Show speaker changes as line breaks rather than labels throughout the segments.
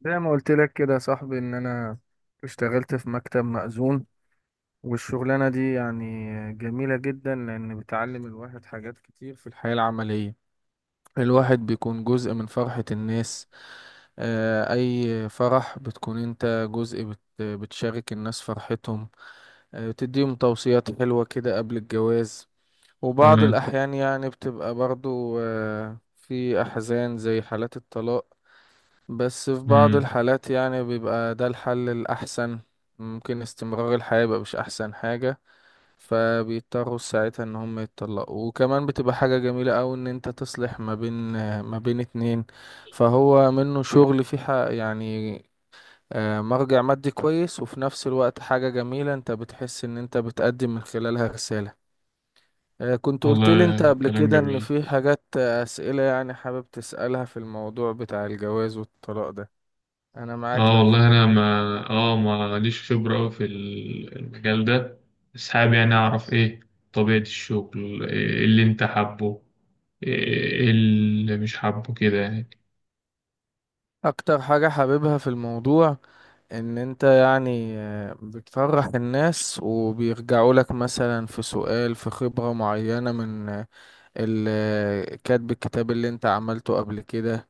زي ما قلت لك كده يا صاحبي ان انا اشتغلت في مكتب مأذون، والشغلانة دي يعني جميلة جدا لان بتعلم الواحد حاجات كتير في الحياة العملية. الواحد بيكون جزء من فرحة الناس. اي فرح بتكون انت جزء، بتشارك الناس فرحتهم. بتديهم توصيات حلوة كده قبل الجواز، وبعض
تمام.
الأحيان يعني بتبقى برضو في أحزان زي حالات الطلاق. بس في بعض
امم
الحالات يعني بيبقى ده الحل الأحسن، ممكن استمرار الحياة يبقى مش أحسن حاجة، فبيضطروا ساعتها إن هم يتطلقوا. وكمان بتبقى حاجة جميلة أوي إن أنت تصلح ما بين اتنين. فهو منه شغل في حق يعني، مرجع مادي كويس، وفي نفس الوقت حاجة جميلة أنت بتحس إن أنت بتقدم من خلالها رسالة. كنت قلت لي أنت
والله
قبل
كلام
كده إن
جميل.
في حاجات، أسئلة يعني حابب تسألها في الموضوع بتاع الجواز والطلاق ده. انا معاك
اه
لو
والله
في
انا
اي.
ما ليش خبره أوي في المجال ده، بس حابب يعني اعرف ايه طبيعه الشغل، إيه اللي انت حابه، إيه إيه اللي مش حابه كده يعني.
اكتر حاجة حاببها في الموضوع ان انت يعني بتفرح الناس، وبيرجعوا لك مثلا في سؤال في خبرة معينة من كاتب الكتاب اللي انت عملته قبل كده.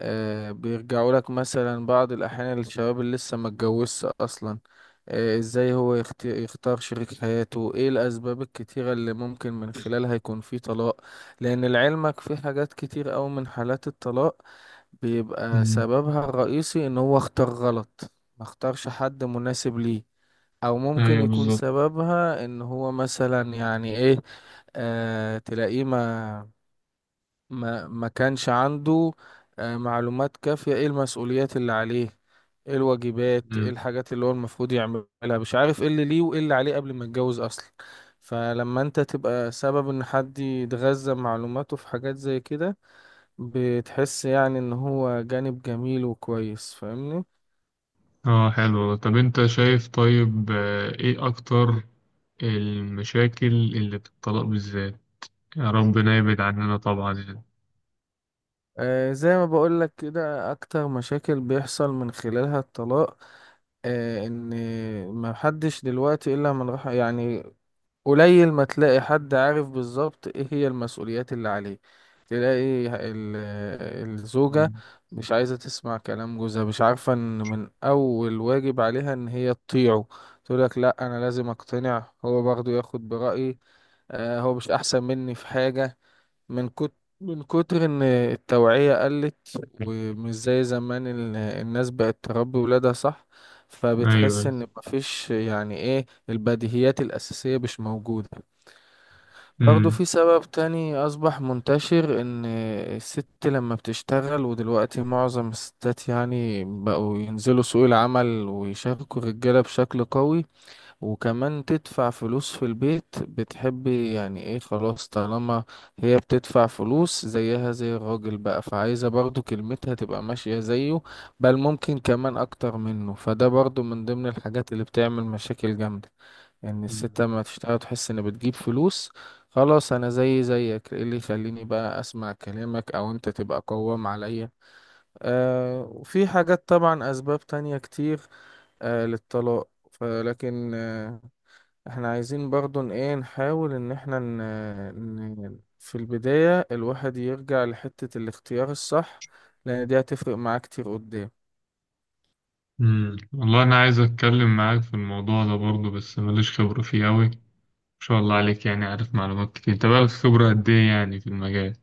بيرجعوا لك مثلا بعض الاحيان الشباب اللي لسه ما اتجوزش اصلا، ازاي هو يختار شريك حياته، ايه الاسباب الكتيرة اللي ممكن من خلالها يكون في طلاق. لان لعلمك في حاجات كتير اوي من حالات الطلاق بيبقى
امم
سببها الرئيسي ان هو اختار غلط، ما اختارش حد مناسب ليه. او ممكن
ايوه،
يكون
بالظبط.
سببها ان هو مثلا يعني ايه، تلاقيه ما كانش عنده معلومات كافية ايه المسؤوليات اللي عليه، ايه الواجبات، ايه
امم
الحاجات اللي هو المفروض يعملها، مش عارف ايه اللي ليه وايه اللي عليه قبل ما يتجوز اصلا. فلما انت تبقى سبب ان حد يتغذى معلوماته في حاجات زي كده، بتحس يعني ان هو جانب جميل وكويس، فاهمني؟
اه، حلو. طب انت شايف، طيب، ايه اكتر المشاكل اللي في الطلاق بالذات؟ يا ربنا يبعد عننا طبعا يعني.
زي ما بقولك كده اكتر مشاكل بيحصل من خلالها الطلاق، ان ما حدش دلوقتي الا من رحم، يعني قليل ما تلاقي حد عارف بالظبط ايه هي المسؤوليات اللي عليه. تلاقي ال- الزوجة
مم.
مش عايزة تسمع كلام جوزها، مش عارفة ان من اول واجب عليها ان هي تطيعه. تقولك لا، انا لازم اقتنع، هو برضه ياخد برأيي، هو مش احسن مني في حاجة. من كت... من كتر ان التوعية قلت ومش زي زمان، الناس بقت تربي ولادها صح. فبتحس
ايوه.
ان مفيش يعني ايه، البديهيات الاساسية مش موجودة. برضو
مم.
في سبب تاني اصبح منتشر، ان الست لما بتشتغل، ودلوقتي معظم الستات يعني بقوا ينزلوا سوق العمل ويشاركوا الرجالة بشكل قوي، وكمان تدفع فلوس في البيت، بتحبي يعني ايه خلاص، طالما هي بتدفع فلوس زيها زي الراجل بقى، فعايزة برضو كلمتها تبقى ماشية زيه، بل ممكن كمان اكتر منه. فده برضو من ضمن الحاجات اللي بتعمل مشاكل جامدة، ان يعني الست لما تشتغل تحس ان بتجيب فلوس، خلاص انا زي زيك، ايه اللي يخليني بقى اسمع كلامك او انت تبقى قوام عليا. وفي حاجات طبعا، اسباب تانية كتير للطلاق، فلكن احنا عايزين برضو ايه نحاول ان احنا في البداية الواحد يرجع لحتة الاختيار الصح، لان دي هتفرق معاه كتير قدام.
والله انا عايز اتكلم معاك في الموضوع ده برضه، بس ماليش خبرة فيه قوي، ما شاء الله عليك، يعني عارف معلومات كتير. انت بقالك خبرة قد ايه يعني في المجال؟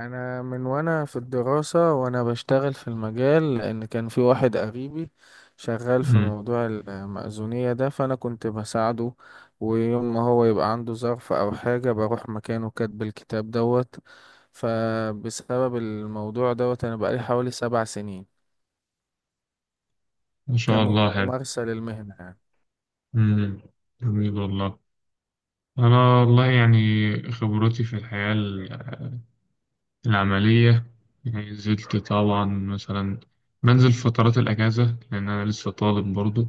انا من وانا في الدراسة وانا بشتغل في المجال، لان كان في واحد قريبي شغال في
امم
موضوع المأذونية ده، فانا كنت بساعده، ويوم ما هو يبقى عنده ظرف او حاجة بروح مكانه كاتب الكتاب دوت. فبسبب الموضوع دوت انا بقالي حوالي 7 سنين
ما شاء الله، حلو.
كممارسة للمهنة يعني.
امم جميل والله. انا والله يعني خبرتي في الحياة العملية، يعني نزلت طبعا. مثلا بنزل فترات الاجازة، لان انا لسه طالب برضه.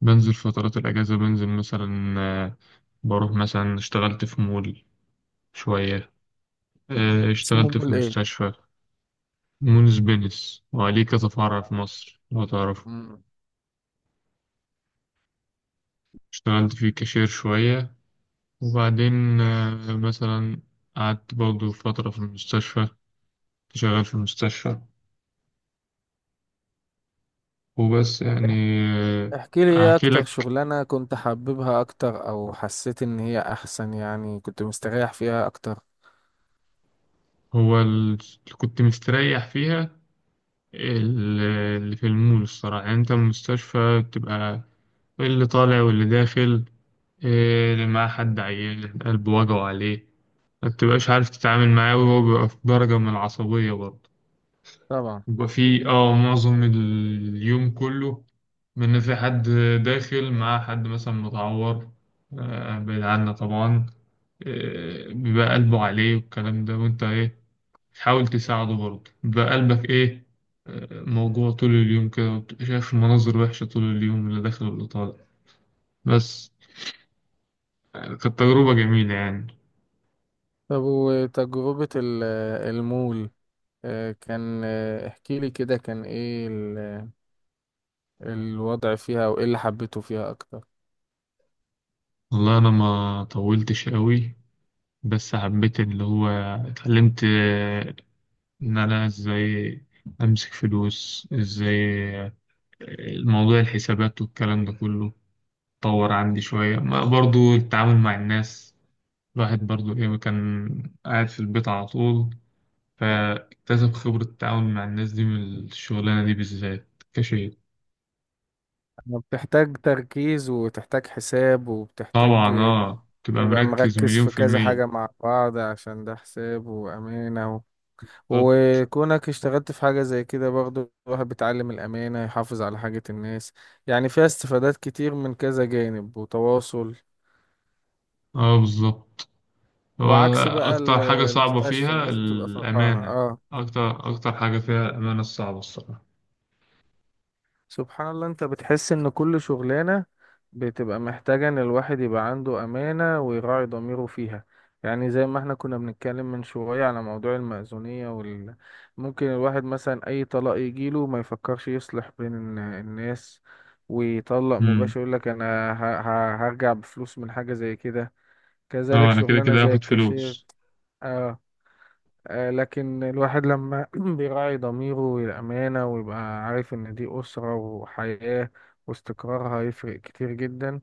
بنزل فترات الاجازة، بنزل مثلا، بروح مثلا، اشتغلت في مول شوية،
اسمه
اشتغلت في
مول ايه؟
مستشفى. مونس بينس، وعليه كذا فرع في مصر لو تعرفه.
مم.
اشتغلت فيه كاشير شوية، وبعدين مثلا قعدت برضه فترة في المستشفى، كنت شغال في المستشفى. وبس يعني.
إح-
آه،
احكي لي ايه
أحكي
اكتر
لك،
شغلانة كنت حاببها اكتر، او حسيت ان هي احسن يعني كنت مستريح فيها اكتر.
هو اللي كنت مستريح فيها ال- اللي في المول. الصراحة يعني أنت المستشفى بتبقى اللي طالع واللي داخل، اللي معاه حد عيان قلبه وجعه عليه، ما بتبقاش عارف تتعامل معاه، وهو بيبقى في درجة من العصبية برضه.
طبعا.
بيبقى في معظم اليوم كله، من في حد داخل مع حد مثلا متعور، بعيد عنا طبعا، بيبقى قلبه عليه والكلام ده، وانت ايه تحاول تساعده برضه، بيبقى قلبك ايه موجوع طول اليوم كده، وبتبقى شايف مناظر وحشة طول اليوم، اللي داخل واللي طالع. بس يعني كانت تجربة جميلة يعني.
طب وتجربة المول، كان احكي لي كده كان ايه الوضع فيها وايه اللي حبيته فيها اكتر.
والله أنا ما طولتش قوي، بس حبيت اللي هو اتعلمت، إن أنا إزاي أمسك فلوس إزاي، آه، الموضوع الحسابات والكلام ده كله اتطور عندي شوية، ما برضو التعامل مع الناس، الواحد برضو إيه كان قاعد في البيت على طول، فاكتسب خبرة التعامل مع الناس دي من الشغلانة دي بالذات كشيء.
أنا بتحتاج تركيز، وتحتاج حساب، وبتحتاج
طبعا، تبقى
تبقى
مركز
مركز
مليون
في
في
كذا
المية.
حاجة مع بعض، عشان ده حساب وأمانة.
بالظبط.
وكونك اشتغلت في حاجة زي كده برضه الواحد بيتعلم الأمانة، يحافظ على حاجة الناس، يعني فيها استفادات كتير من كذا جانب وتواصل.
اه بالظبط. هو
وعكس بقى
أكتر حاجة صعبة
المستشفى
فيها
الناس بتبقى فرحانة
الأمانة، أكتر أكتر حاجة فيها الأمانة الصعبة، الصراحة.
سبحان الله، انت بتحس ان كل شغلانة بتبقى محتاجة ان الواحد يبقى عنده امانة ويراعي ضميره فيها. يعني زي ما احنا كنا بنتكلم من شوية على موضوع المأذونية ممكن الواحد مثلا اي طلاق يجيله ما يفكرش يصلح بين الناس، ويطلق
أمم
مباشر، يقول لك انا هرجع بفلوس من حاجة زي كده. كذلك
أه، أنا كده
شغلانة
كده
زي
هاخد
الكاشير.
فلوس.
آه. لكن الواحد لما بيراعي ضميره والأمانة، ويبقى عارف إن دي أسرة وحياة واستقرارها هيفرق كتير جدا،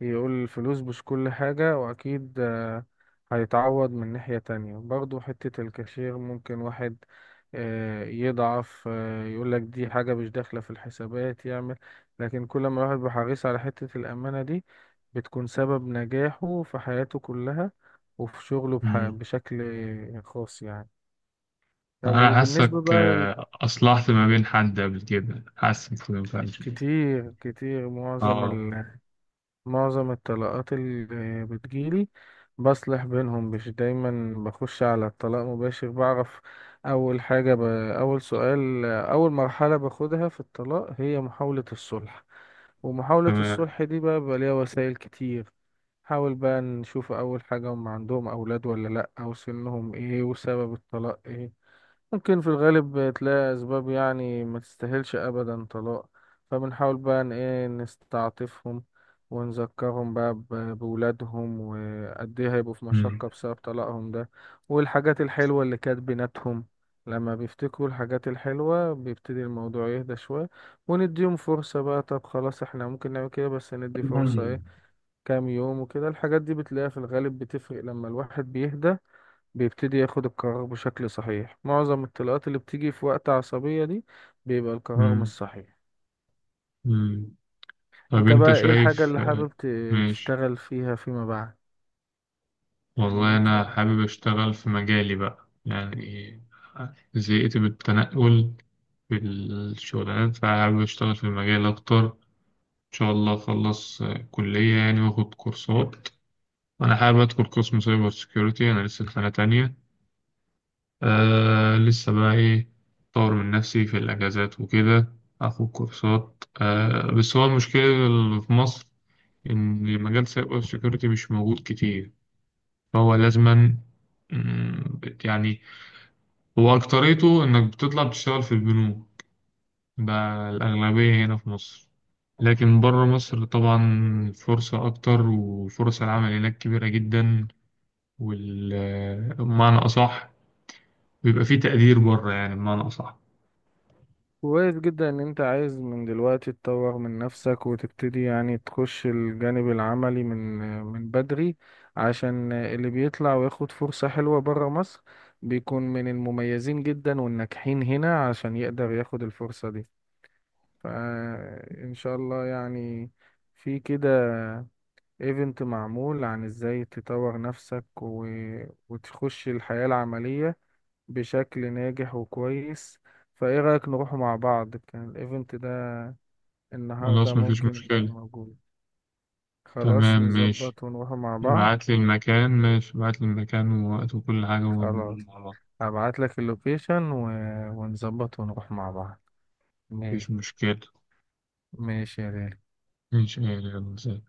يقول الفلوس مش كل حاجة، وأكيد هيتعوض من ناحية تانية. برضو حتة الكاشير ممكن واحد يضعف، يقولك دي حاجة مش داخلة في الحسابات، يعمل. لكن كل ما الواحد بيحرص على حتة الأمانة دي، بتكون سبب نجاحه في حياته كلها وفي شغله
أمم
بشكل خاص يعني. طب
أنا
وبالنسبة
حاسك،
بقى
أصلحت ما بين حد قبل كده، حاسك كده فعلا.
كتير كتير، معظم
أه،
معظم الطلاقات اللي بتجيلي بصلح بينهم، مش دايما بخش على الطلاق مباشر، بعرف أول حاجة أول سؤال، أول مرحلة باخدها في الطلاق هي محاولة الصلح. ومحاولة
تمام.
الصلح دي بقى ليها وسائل كتير. حاول بقى نشوف أول حاجة، هم عندهم أولاد ولا لأ، أو سنهم إيه، وسبب الطلاق إيه. ممكن في الغالب تلاقي أسباب يعني ما تستاهلش أبدا طلاق. فبنحاول بقى إن إيه نستعطفهم، ونذكرهم بقى بولادهم، وقد إيه هيبقوا في
أمم
مشقة بسبب طلاقهم ده، والحاجات الحلوة اللي كانت بيناتهم. لما بيفتكروا الحاجات الحلوة بيبتدي الموضوع يهدى شوية، ونديهم فرصة. بقى طب خلاص إحنا ممكن نعمل كده، بس ندي فرصة
مم.
إيه، كام يوم وكده. الحاجات دي بتلاقيها في الغالب بتفرق، لما الواحد بيهدى بيبتدي ياخد القرار بشكل صحيح. معظم الطلقات اللي بتيجي في وقت عصبية دي بيبقى القرار مش
أمم
صحيح.
أمم. طب
انت
أنت
بقى ايه الحاجة
شايف.
اللي حابب
ماشي.
تشتغل فيها فيما بعد؟ يعني
والله أنا
انت،
حابب أشتغل في مجالي بقى يعني، زهقت من التنقل في الشغلانات، فحابب أشتغل في المجال أكتر. إن شاء الله أخلص كلية يعني، وآخد كورسات. أنا حابب أدخل قسم سايبر سيكيورتي، أنا لسه في سنة تانية. آه، لسه بقى إيه، أطور من نفسي في الأجازات وكده، آخد كورسات. بس هو المشكلة اللي في مصر إن مجال سايبر سيكيورتي مش موجود كتير، فهو لازما. مم، يعني هو أكتريته إنك بتطلع تشتغل في البنوك، ده الأغلبية هنا في مصر. لكن بره مصر طبعا فرصة أكتر، وفرص العمل هناك كبيرة جدا، والمعنى أصح بيبقى فيه تقدير بره، يعني بمعنى أصح.
كويس جدا ان انت عايز من دلوقتي تطور من نفسك وتبتدي يعني تخش الجانب العملي من من بدري، عشان اللي بيطلع وياخد فرصة حلوة برا مصر بيكون من المميزين جدا والناجحين هنا عشان يقدر ياخد الفرصة دي. فإن شاء الله يعني، في كده ايفنت معمول عن ازاي تطور نفسك وتخش الحياة العملية بشكل ناجح وكويس. فايه رأيك نروح مع بعض، كان الايفنت ده النهاردة
خلاص، مفيش
ممكن يكون
مشكلة.
موجود؟ خلاص
تمام، ماشي.
نظبط ونروح مع بعض.
ابعت لي المكان، ماشي، ابعت لي المكان ووقت وكل حاجة
خلاص
ونقول مع بعض.
هبعت لك اللوكيشن ونظبط ونروح مع بعض.
مفيش
ماشي.
مشكلة.
ماشي يا غالي.
إن شاء الله، يلا، سلام.